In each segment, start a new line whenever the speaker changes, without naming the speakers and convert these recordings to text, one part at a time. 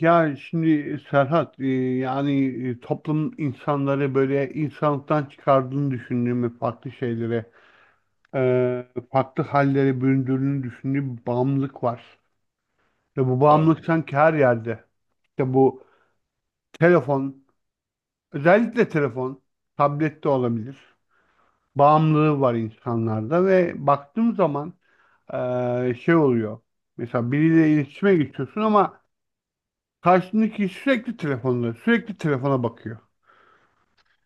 Ya şimdi Serhat, yani, toplum insanları böyle insanlıktan çıkardığını düşündüğümü farklı şeylere, farklı hallere büründüğünü düşündüğüm bir bağımlılık var. Ve bu
Abi.
bağımlılık sanki her yerde. İşte bu telefon, özellikle telefon, tablet de olabilir. Bağımlılığı var insanlarda ve baktığım zaman şey oluyor. Mesela biriyle iletişime geçiyorsun ama karşındaki sürekli telefonda, sürekli telefona bakıyor.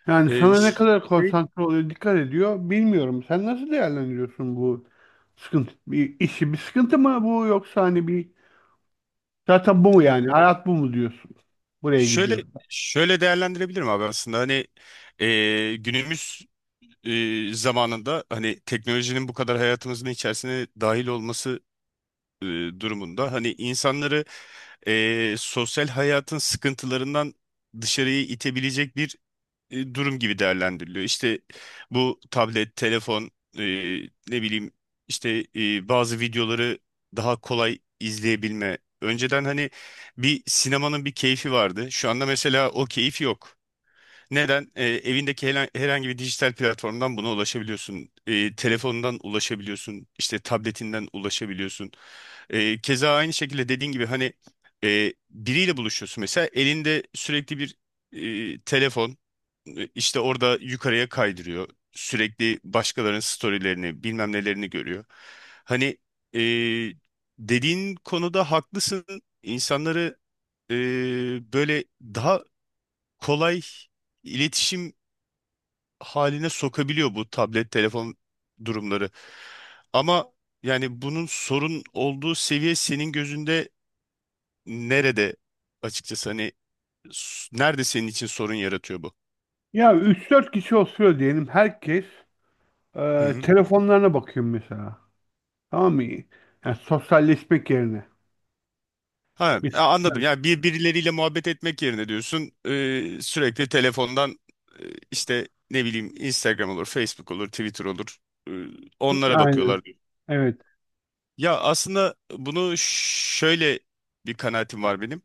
Yani
Ee,
sana ne
ş-
kadar konsantre oluyor, dikkat ediyor bilmiyorum. Sen nasıl değerlendiriyorsun bu sıkıntı, bir işi? Bir sıkıntı mı bu, yoksa hani bir, zaten bu mu
e,
yani? Hayat bu mu diyorsun? Buraya
şöyle
gidiyor.
şöyle değerlendirebilirim abi, aslında hani, günümüz zamanında hani teknolojinin bu kadar hayatımızın içerisine dahil olması e, durumunda, hani insanları sosyal hayatın sıkıntılarından dışarıya itebilecek bir durum gibi değerlendiriliyor. İşte bu tablet, telefon, e, ne bileyim işte bazı videoları daha kolay izleyebilme. Önceden hani bir sinemanın bir keyfi vardı. Şu anda mesela o keyif yok. Neden? Evindeki herhangi bir dijital platformdan buna ulaşabiliyorsun. Telefonundan ulaşabiliyorsun. İşte tabletinden ulaşabiliyorsun. Keza aynı şekilde dediğin gibi, hani biriyle buluşuyorsun. Mesela elinde sürekli bir telefon, işte orada yukarıya kaydırıyor. Sürekli başkalarının storylerini, bilmem nelerini görüyor. Hani, e, dediğin konuda haklısın. İnsanları e, böyle daha kolay iletişim haline sokabiliyor bu tablet, telefon durumları. Ama yani bunun sorun olduğu seviye senin gözünde nerede, açıkçası hani nerede senin için sorun yaratıyor
Ya üç dört kişi oturuyor diyelim, herkes
bu?
telefonlarına bakıyor mesela. Tamam mı? Yani sosyalleşmek yerine.
Ha,
Bir.
anladım. Yani birileriyle muhabbet etmek yerine diyorsun, sürekli telefondan, e, işte ne bileyim Instagram olur, Facebook olur, Twitter olur. e,
Hı,
onlara bakıyorlar.
aynen. Evet.
Ya aslında bunu şöyle, bir kanaatim var benim.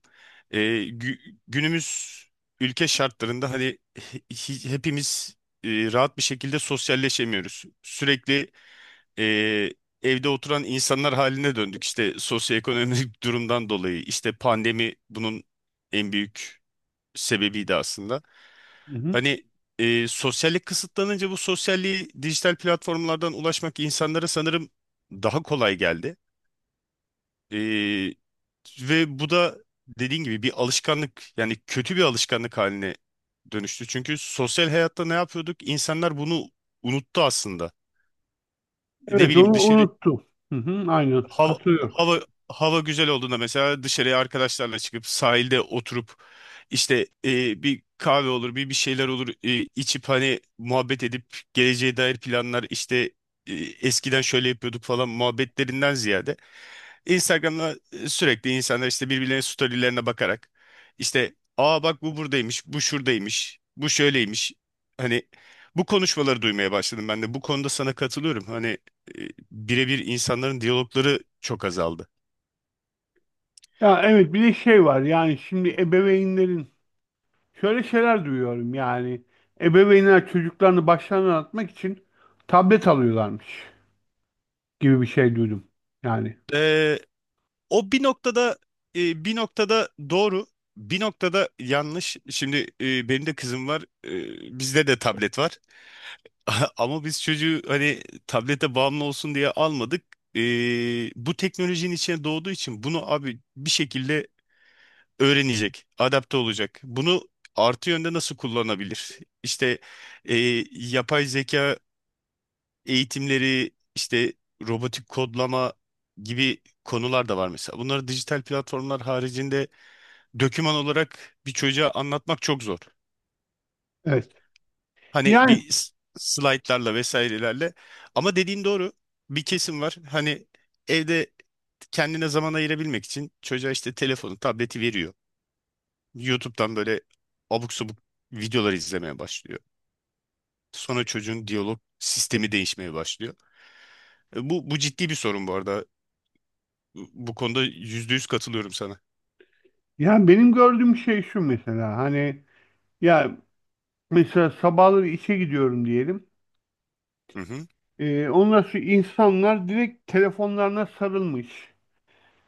E, günümüz ülke şartlarında hani hepimiz rahat bir şekilde sosyalleşemiyoruz. Sürekli e, evde oturan insanlar haline döndük. İşte sosyoekonomik durumdan dolayı, işte pandemi bunun en büyük sebebiydi aslında.
Hı-hı.
Hani, sosyallik kısıtlanınca bu sosyalliği dijital platformlardan ulaşmak insanlara sanırım daha kolay geldi. E, ve bu da dediğin gibi bir alışkanlık, yani kötü bir alışkanlık haline dönüştü. Çünkü sosyal hayatta ne yapıyorduk? İnsanlar bunu unuttu aslında. Ne
Evet,
bileyim,
onu
dışarı
unuttum. Hı-hı, aynen.
hava,
Katılıyorum.
hava, hava güzel olduğunda mesela dışarıya arkadaşlarla çıkıp sahilde oturup, işte bir kahve olur, bir şeyler olur, içip hani muhabbet edip, geleceğe dair planlar işte, eskiden şöyle yapıyorduk falan muhabbetlerinden ziyade Instagram'da, sürekli insanlar işte birbirlerinin storylerine bakarak, işte aa, bak bu buradaymış, bu şuradaymış, bu şöyleymiş. Hani bu konuşmaları duymaya başladım ben de. Bu konuda sana katılıyorum. Hani, birebir insanların diyalogları çok azaldı.
Ya evet, bir de şey var yani, şimdi ebeveynlerin. Şöyle şeyler duyuyorum yani. Ebeveynler çocuklarını başlarına atmak için tablet alıyorlarmış gibi bir şey duydum. Yani
Ee, o bir noktada, bir noktada doğru, bir noktada yanlış. Şimdi, benim de kızım var, bizde de tablet var. Ama biz çocuğu, hani tablete bağımlı olsun diye almadık. Bu teknolojinin içine doğduğu için bunu abi bir şekilde öğrenecek, adapte olacak. Bunu artı yönde nasıl kullanabilir? İşte e, yapay zeka eğitimleri, işte robotik kodlama gibi konular da var mesela. Bunları dijital platformlar haricinde döküman olarak bir çocuğa anlatmak çok zor.
evet.
Hani
Yani
bir slaytlarla vesairelerle. Ama dediğin doğru. Bir kesim var. Hani, evde kendine zaman ayırabilmek için çocuğa işte telefonu, tableti veriyor. YouTube'dan böyle abuk subuk videolar izlemeye başlıyor. Sonra çocuğun diyalog sistemi değişmeye başlıyor. Bu ciddi bir sorun bu arada. Bu konuda %100 katılıyorum sana.
yani benim gördüğüm şey şu, mesela hani, ya mesela sabahları işe gidiyorum diyelim.
Hı hı.
Ondan sonra insanlar direkt telefonlarına sarılmış.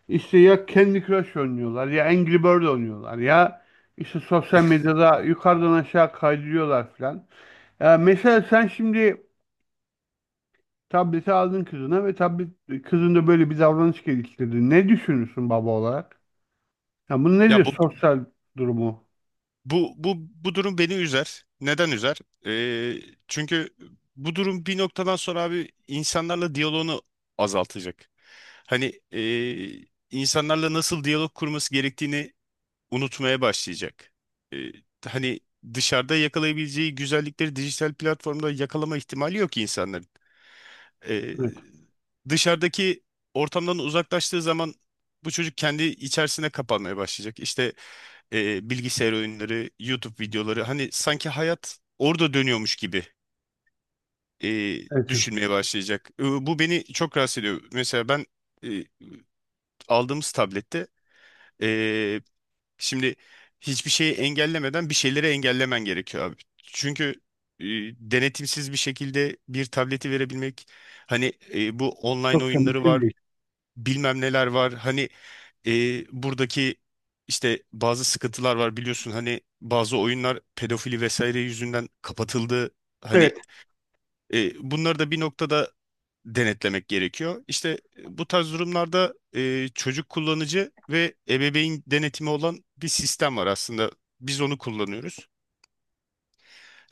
İşte ya Candy Crush oynuyorlar, ya Angry Bird oynuyorlar, ya işte sosyal medyada yukarıdan aşağı kaydırıyorlar falan. Ya mesela sen şimdi tableti aldın kızına ve kızın da böyle bir davranış geliştirdi. Ne düşünürsün baba olarak? Ya bunu, nedir
Ya bu
sosyal durumu?
bu durum beni üzer. Neden üzer? Ee, çünkü bu durum bir noktadan sonra abi, insanlarla diyaloğunu azaltacak. Hani, insanlarla nasıl diyalog kurması gerektiğini unutmaya başlayacak. Ee, hani dışarıda yakalayabileceği güzellikleri dijital platformda yakalama ihtimali yok insanların. Ee,
Evet,
dışarıdaki ortamdan uzaklaştığı zaman bu çocuk kendi içerisine kapanmaya başlayacak. İşte, bilgisayar oyunları, YouTube videoları, hani sanki hayat orada dönüyormuş gibi e,
evet.
düşünmeye başlayacak. Bu beni çok rahatsız ediyor. Mesela ben, e, aldığımız tablette, e, şimdi hiçbir şeyi engellemeden bir şeyleri engellemen gerekiyor abi. Çünkü e, denetimsiz bir şekilde bir tableti verebilmek, hani bu online
Çok da
oyunları
mümkün
var,
değil.
bilmem neler var. Hani buradaki işte bazı sıkıntılar var, biliyorsun hani bazı oyunlar pedofili vesaire yüzünden kapatıldı. Hani
Evet.
bunları da bir noktada denetlemek gerekiyor. İşte bu tarz durumlarda, çocuk kullanıcı ve ebeveyn denetimi olan bir sistem var aslında. Biz onu kullanıyoruz.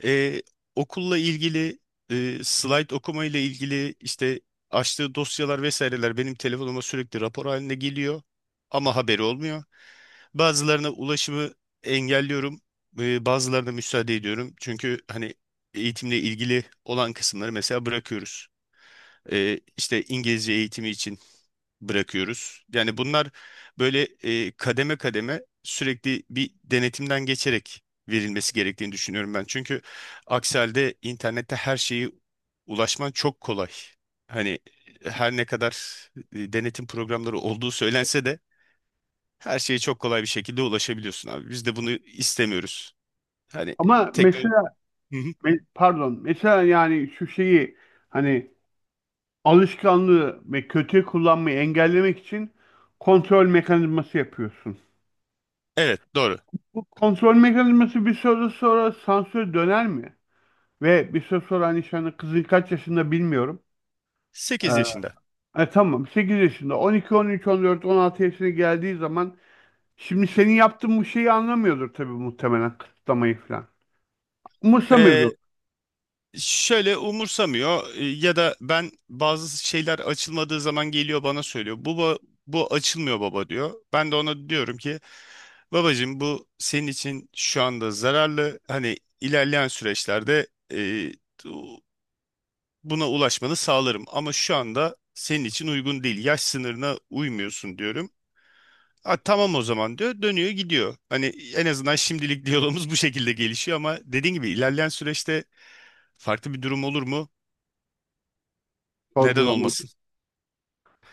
E, okulla ilgili, slide okuma ile ilgili işte açtığı dosyalar vesaireler benim telefonuma sürekli rapor haline geliyor ama haberi olmuyor. Bazılarına ulaşımı engelliyorum, bazılarına müsaade ediyorum. Çünkü hani, eğitimle ilgili olan kısımları mesela bırakıyoruz. E, işte İngilizce eğitimi için bırakıyoruz. Yani bunlar böyle, kademe kademe sürekli bir denetimden geçerek verilmesi gerektiğini düşünüyorum ben. Çünkü aksi halde internette her şeyi ulaşman çok kolay. Hani her ne kadar denetim programları olduğu söylense de her şeye çok kolay bir şekilde ulaşabiliyorsun abi. Biz de bunu istemiyoruz. Hani
Ama
teknoloji...
mesela, pardon, mesela yani şu şeyi, hani alışkanlığı ve kötü kullanmayı engellemek için kontrol mekanizması yapıyorsun.
Evet, doğru.
Bu kontrol mekanizması bir süre sonra sansür döner mi? Ve bir süre sonra, hani, şu anda kızın kaç yaşında bilmiyorum. Ee,
8 yaşında.
tamam 8 yaşında, 10, 12, 13, 14, 16 yaşına geldiği zaman şimdi senin yaptığın bu şeyi anlamıyordur tabii, muhtemelen kısıtlamayı falan. Umursamıyordur,
Ee, şöyle umursamıyor, ya da ben bazı şeyler açılmadığı zaman geliyor bana söylüyor. Bu açılmıyor baba diyor. Ben de ona diyorum ki, babacığım bu senin için şu anda zararlı. Hani ilerleyen süreçlerde, bu- buna ulaşmanı sağlarım ama şu anda senin için uygun değil. Yaş sınırına uymuyorsun diyorum. "A, tamam o zaman diyor. Dönüyor gidiyor. Hani en azından şimdilik diyalogumuz bu şekilde gelişiyor, ama dediğin gibi ilerleyen süreçte farklı bir durum olur mu? Neden
sorgulama,
olmasın?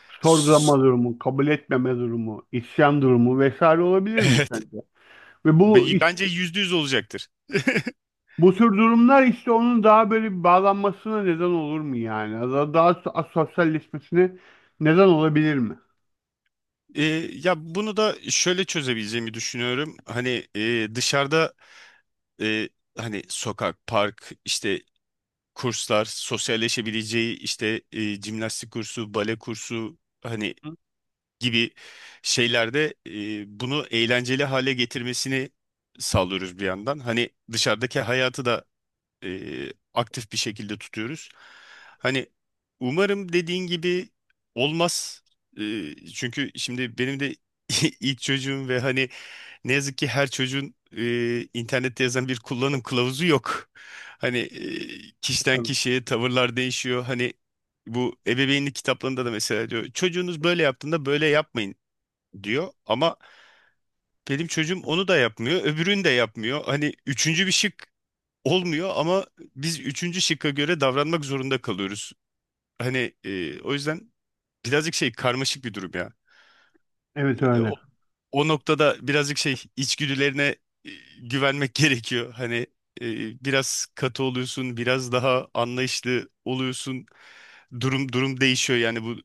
sorgulama
S-
durumu, kabul etmeme durumu, isyan durumu vesaire olabilir mi
Evet.
sence? Ve
Bence %100 olacaktır.
bu tür durumlar, işte onun daha böyle bir bağlanmasına neden olur mu yani? Daha sosyalleşmesine neden olabilir mi?
E, ya bunu da şöyle çözebileceğimi düşünüyorum. Hani dışarıda, e, hani sokak, park, işte kurslar, sosyalleşebileceği işte, jimnastik kursu, bale kursu, hani
Hı.
gibi şeylerde, bunu eğlenceli hale getirmesini sağlıyoruz bir yandan. Hani dışarıdaki hayatı da aktif bir şekilde tutuyoruz. Hani umarım dediğin gibi olmaz. Çünkü şimdi benim de ilk çocuğum, ve hani ne yazık ki her çocuğun internette yazan bir kullanım kılavuzu yok. Hani kişiden
Tabii.
kişiye tavırlar değişiyor. Hani bu ebeveynlik kitaplarında da mesela diyor çocuğunuz böyle yaptığında böyle yapmayın diyor, ama benim çocuğum onu da yapmıyor, öbürünü de yapmıyor. Hani üçüncü bir şık olmuyor, ama biz üçüncü şıkka göre davranmak zorunda kalıyoruz. Hani o yüzden birazcık şey, karmaşık bir durum ya.
Evet,
E,
öyle.
o, o noktada birazcık şey, içgüdülerine e, güvenmek gerekiyor. Hani e, biraz katı oluyorsun, biraz daha anlayışlı oluyorsun. Durum durum değişiyor yani, bu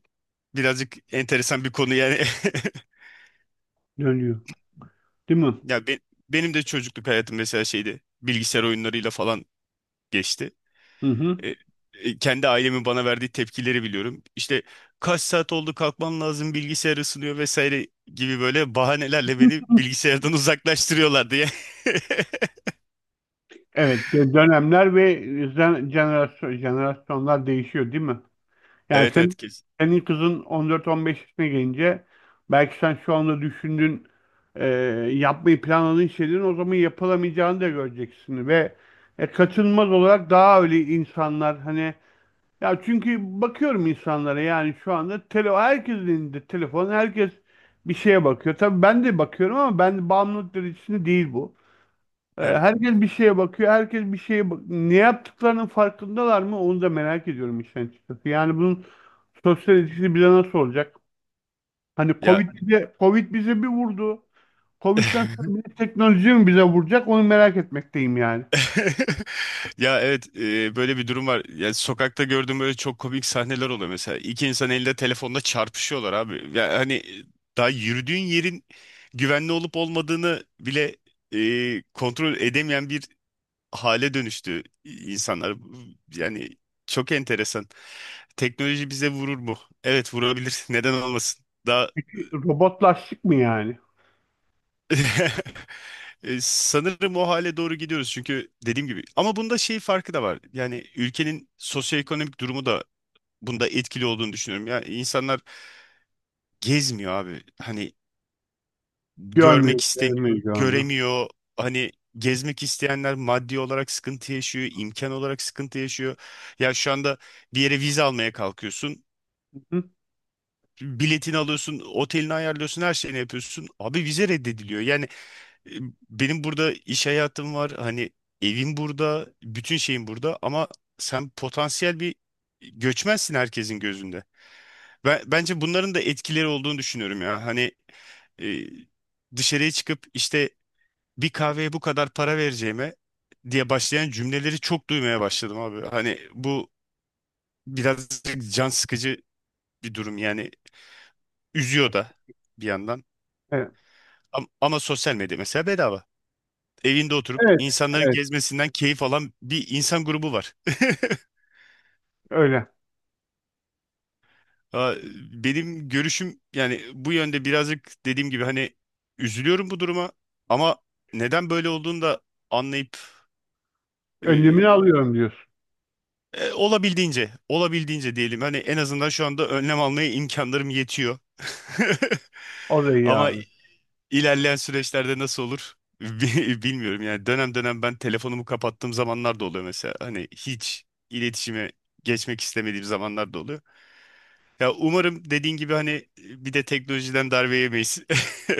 birazcık enteresan bir konu yani.
Dönüyor. Değil mi?
Ya be- Benim de çocukluk hayatım mesela şeydi. Bilgisayar oyunlarıyla falan geçti.
Hı hı.
E, kendi ailemin bana verdiği tepkileri biliyorum. İşte kaç saat oldu, kalkman lazım, bilgisayar ısınıyor vesaire gibi böyle bahanelerle beni bilgisayardan uzaklaştırıyorlardı ya.
Evet, dönemler ve jenerasyonlar değişiyor değil mi? Yani,
Evet, evet,
senin,
kesin.
senin kızın 14-15 yaşına gelince, belki sen şu anda düşündüğün, e, yapmayı planladığın şeylerin o zaman yapılamayacağını da göreceksin ve kaçınılmaz olarak daha öyle insanlar, hani, ya çünkü bakıyorum insanlara, yani şu anda herkesin elinde telefon, herkes bir şeye bakıyor. Tabii ben de bakıyorum ama ben de bağımlılık derecesinde değil bu.
Evet.
Herkes bir şeye bakıyor. Herkes bir şeye ne yaptıklarının farkındalar mı? Onu da merak ediyorum işin açıkçası. Yani bunun sosyal etkisi bize nasıl olacak? Hani
Ya
Covid bize bir vurdu. Covid'den sonra bir de teknoloji mi bize vuracak? Onu merak etmekteyim yani.
Ya, evet, böyle bir durum var. Ya sokakta gördüğüm böyle çok komik sahneler oluyor mesela. İki insan elinde telefonla çarpışıyorlar abi. Ya hani, daha yürüdüğün yerin güvenli olup olmadığını bile kontrol edemeyen bir hale dönüştü insanlar. Yani çok enteresan. Teknoloji bize vurur mu? Evet, vurabilir. Neden olmasın? Daha
Çünkü robotlaştık mı yani?
Sanırım o hale doğru gidiyoruz, çünkü dediğim gibi, ama bunda şey farkı da var. Yani ülkenin sosyoekonomik durumu da bunda etkili olduğunu düşünüyorum. Ya insanlar gezmiyor abi. Hani görmek
Görmüyoruz,
istemiyor,
görmüyoruz, görmüyoruz.
göremiyor. Hani gezmek isteyenler maddi olarak sıkıntı yaşıyor, imkan olarak sıkıntı yaşıyor. Ya şu anda bir yere vize almaya kalkıyorsun.
Hı?
Biletini alıyorsun, otelini ayarlıyorsun, her şeyini yapıyorsun. Abi vize reddediliyor. E, Benim burada iş hayatım var. Hani evim burada, bütün şeyim burada, ama sen potansiyel bir göçmensin herkesin gözünde. Ben, bence bunların da etkileri olduğunu düşünüyorum ya. Hani e, dışarıya çıkıp işte bir kahveye bu kadar para vereceğime diye başlayan cümleleri çok duymaya başladım abi. Hani bu biraz can sıkıcı bir durum yani, üzüyor da bir yandan.
Evet,
Ama sosyal medya mesela bedava. Evinde oturup
evet,
insanların
evet,
gezmesinden keyif alan bir insan grubu var.
öyle.
Aa, benim görüşüm yani bu yönde, birazcık dediğim gibi hani üzülüyorum bu duruma, ama neden böyle olduğunu da anlayıp,
Önlemini
e,
alıyorum diyorsun.
olabildiğince diyelim, hani en azından şu anda önlem almaya imkanlarım yetiyor.
O da iyi
Ama
abi.
İlerleyen süreçlerde nasıl olur bilmiyorum. Yani dönem dönem ben telefonumu kapattığım zamanlar da oluyor mesela. Hani hiç iletişime geçmek istemediğim zamanlar da oluyor. Ya umarım dediğin gibi hani bir de teknolojiden darbe yemeyiz.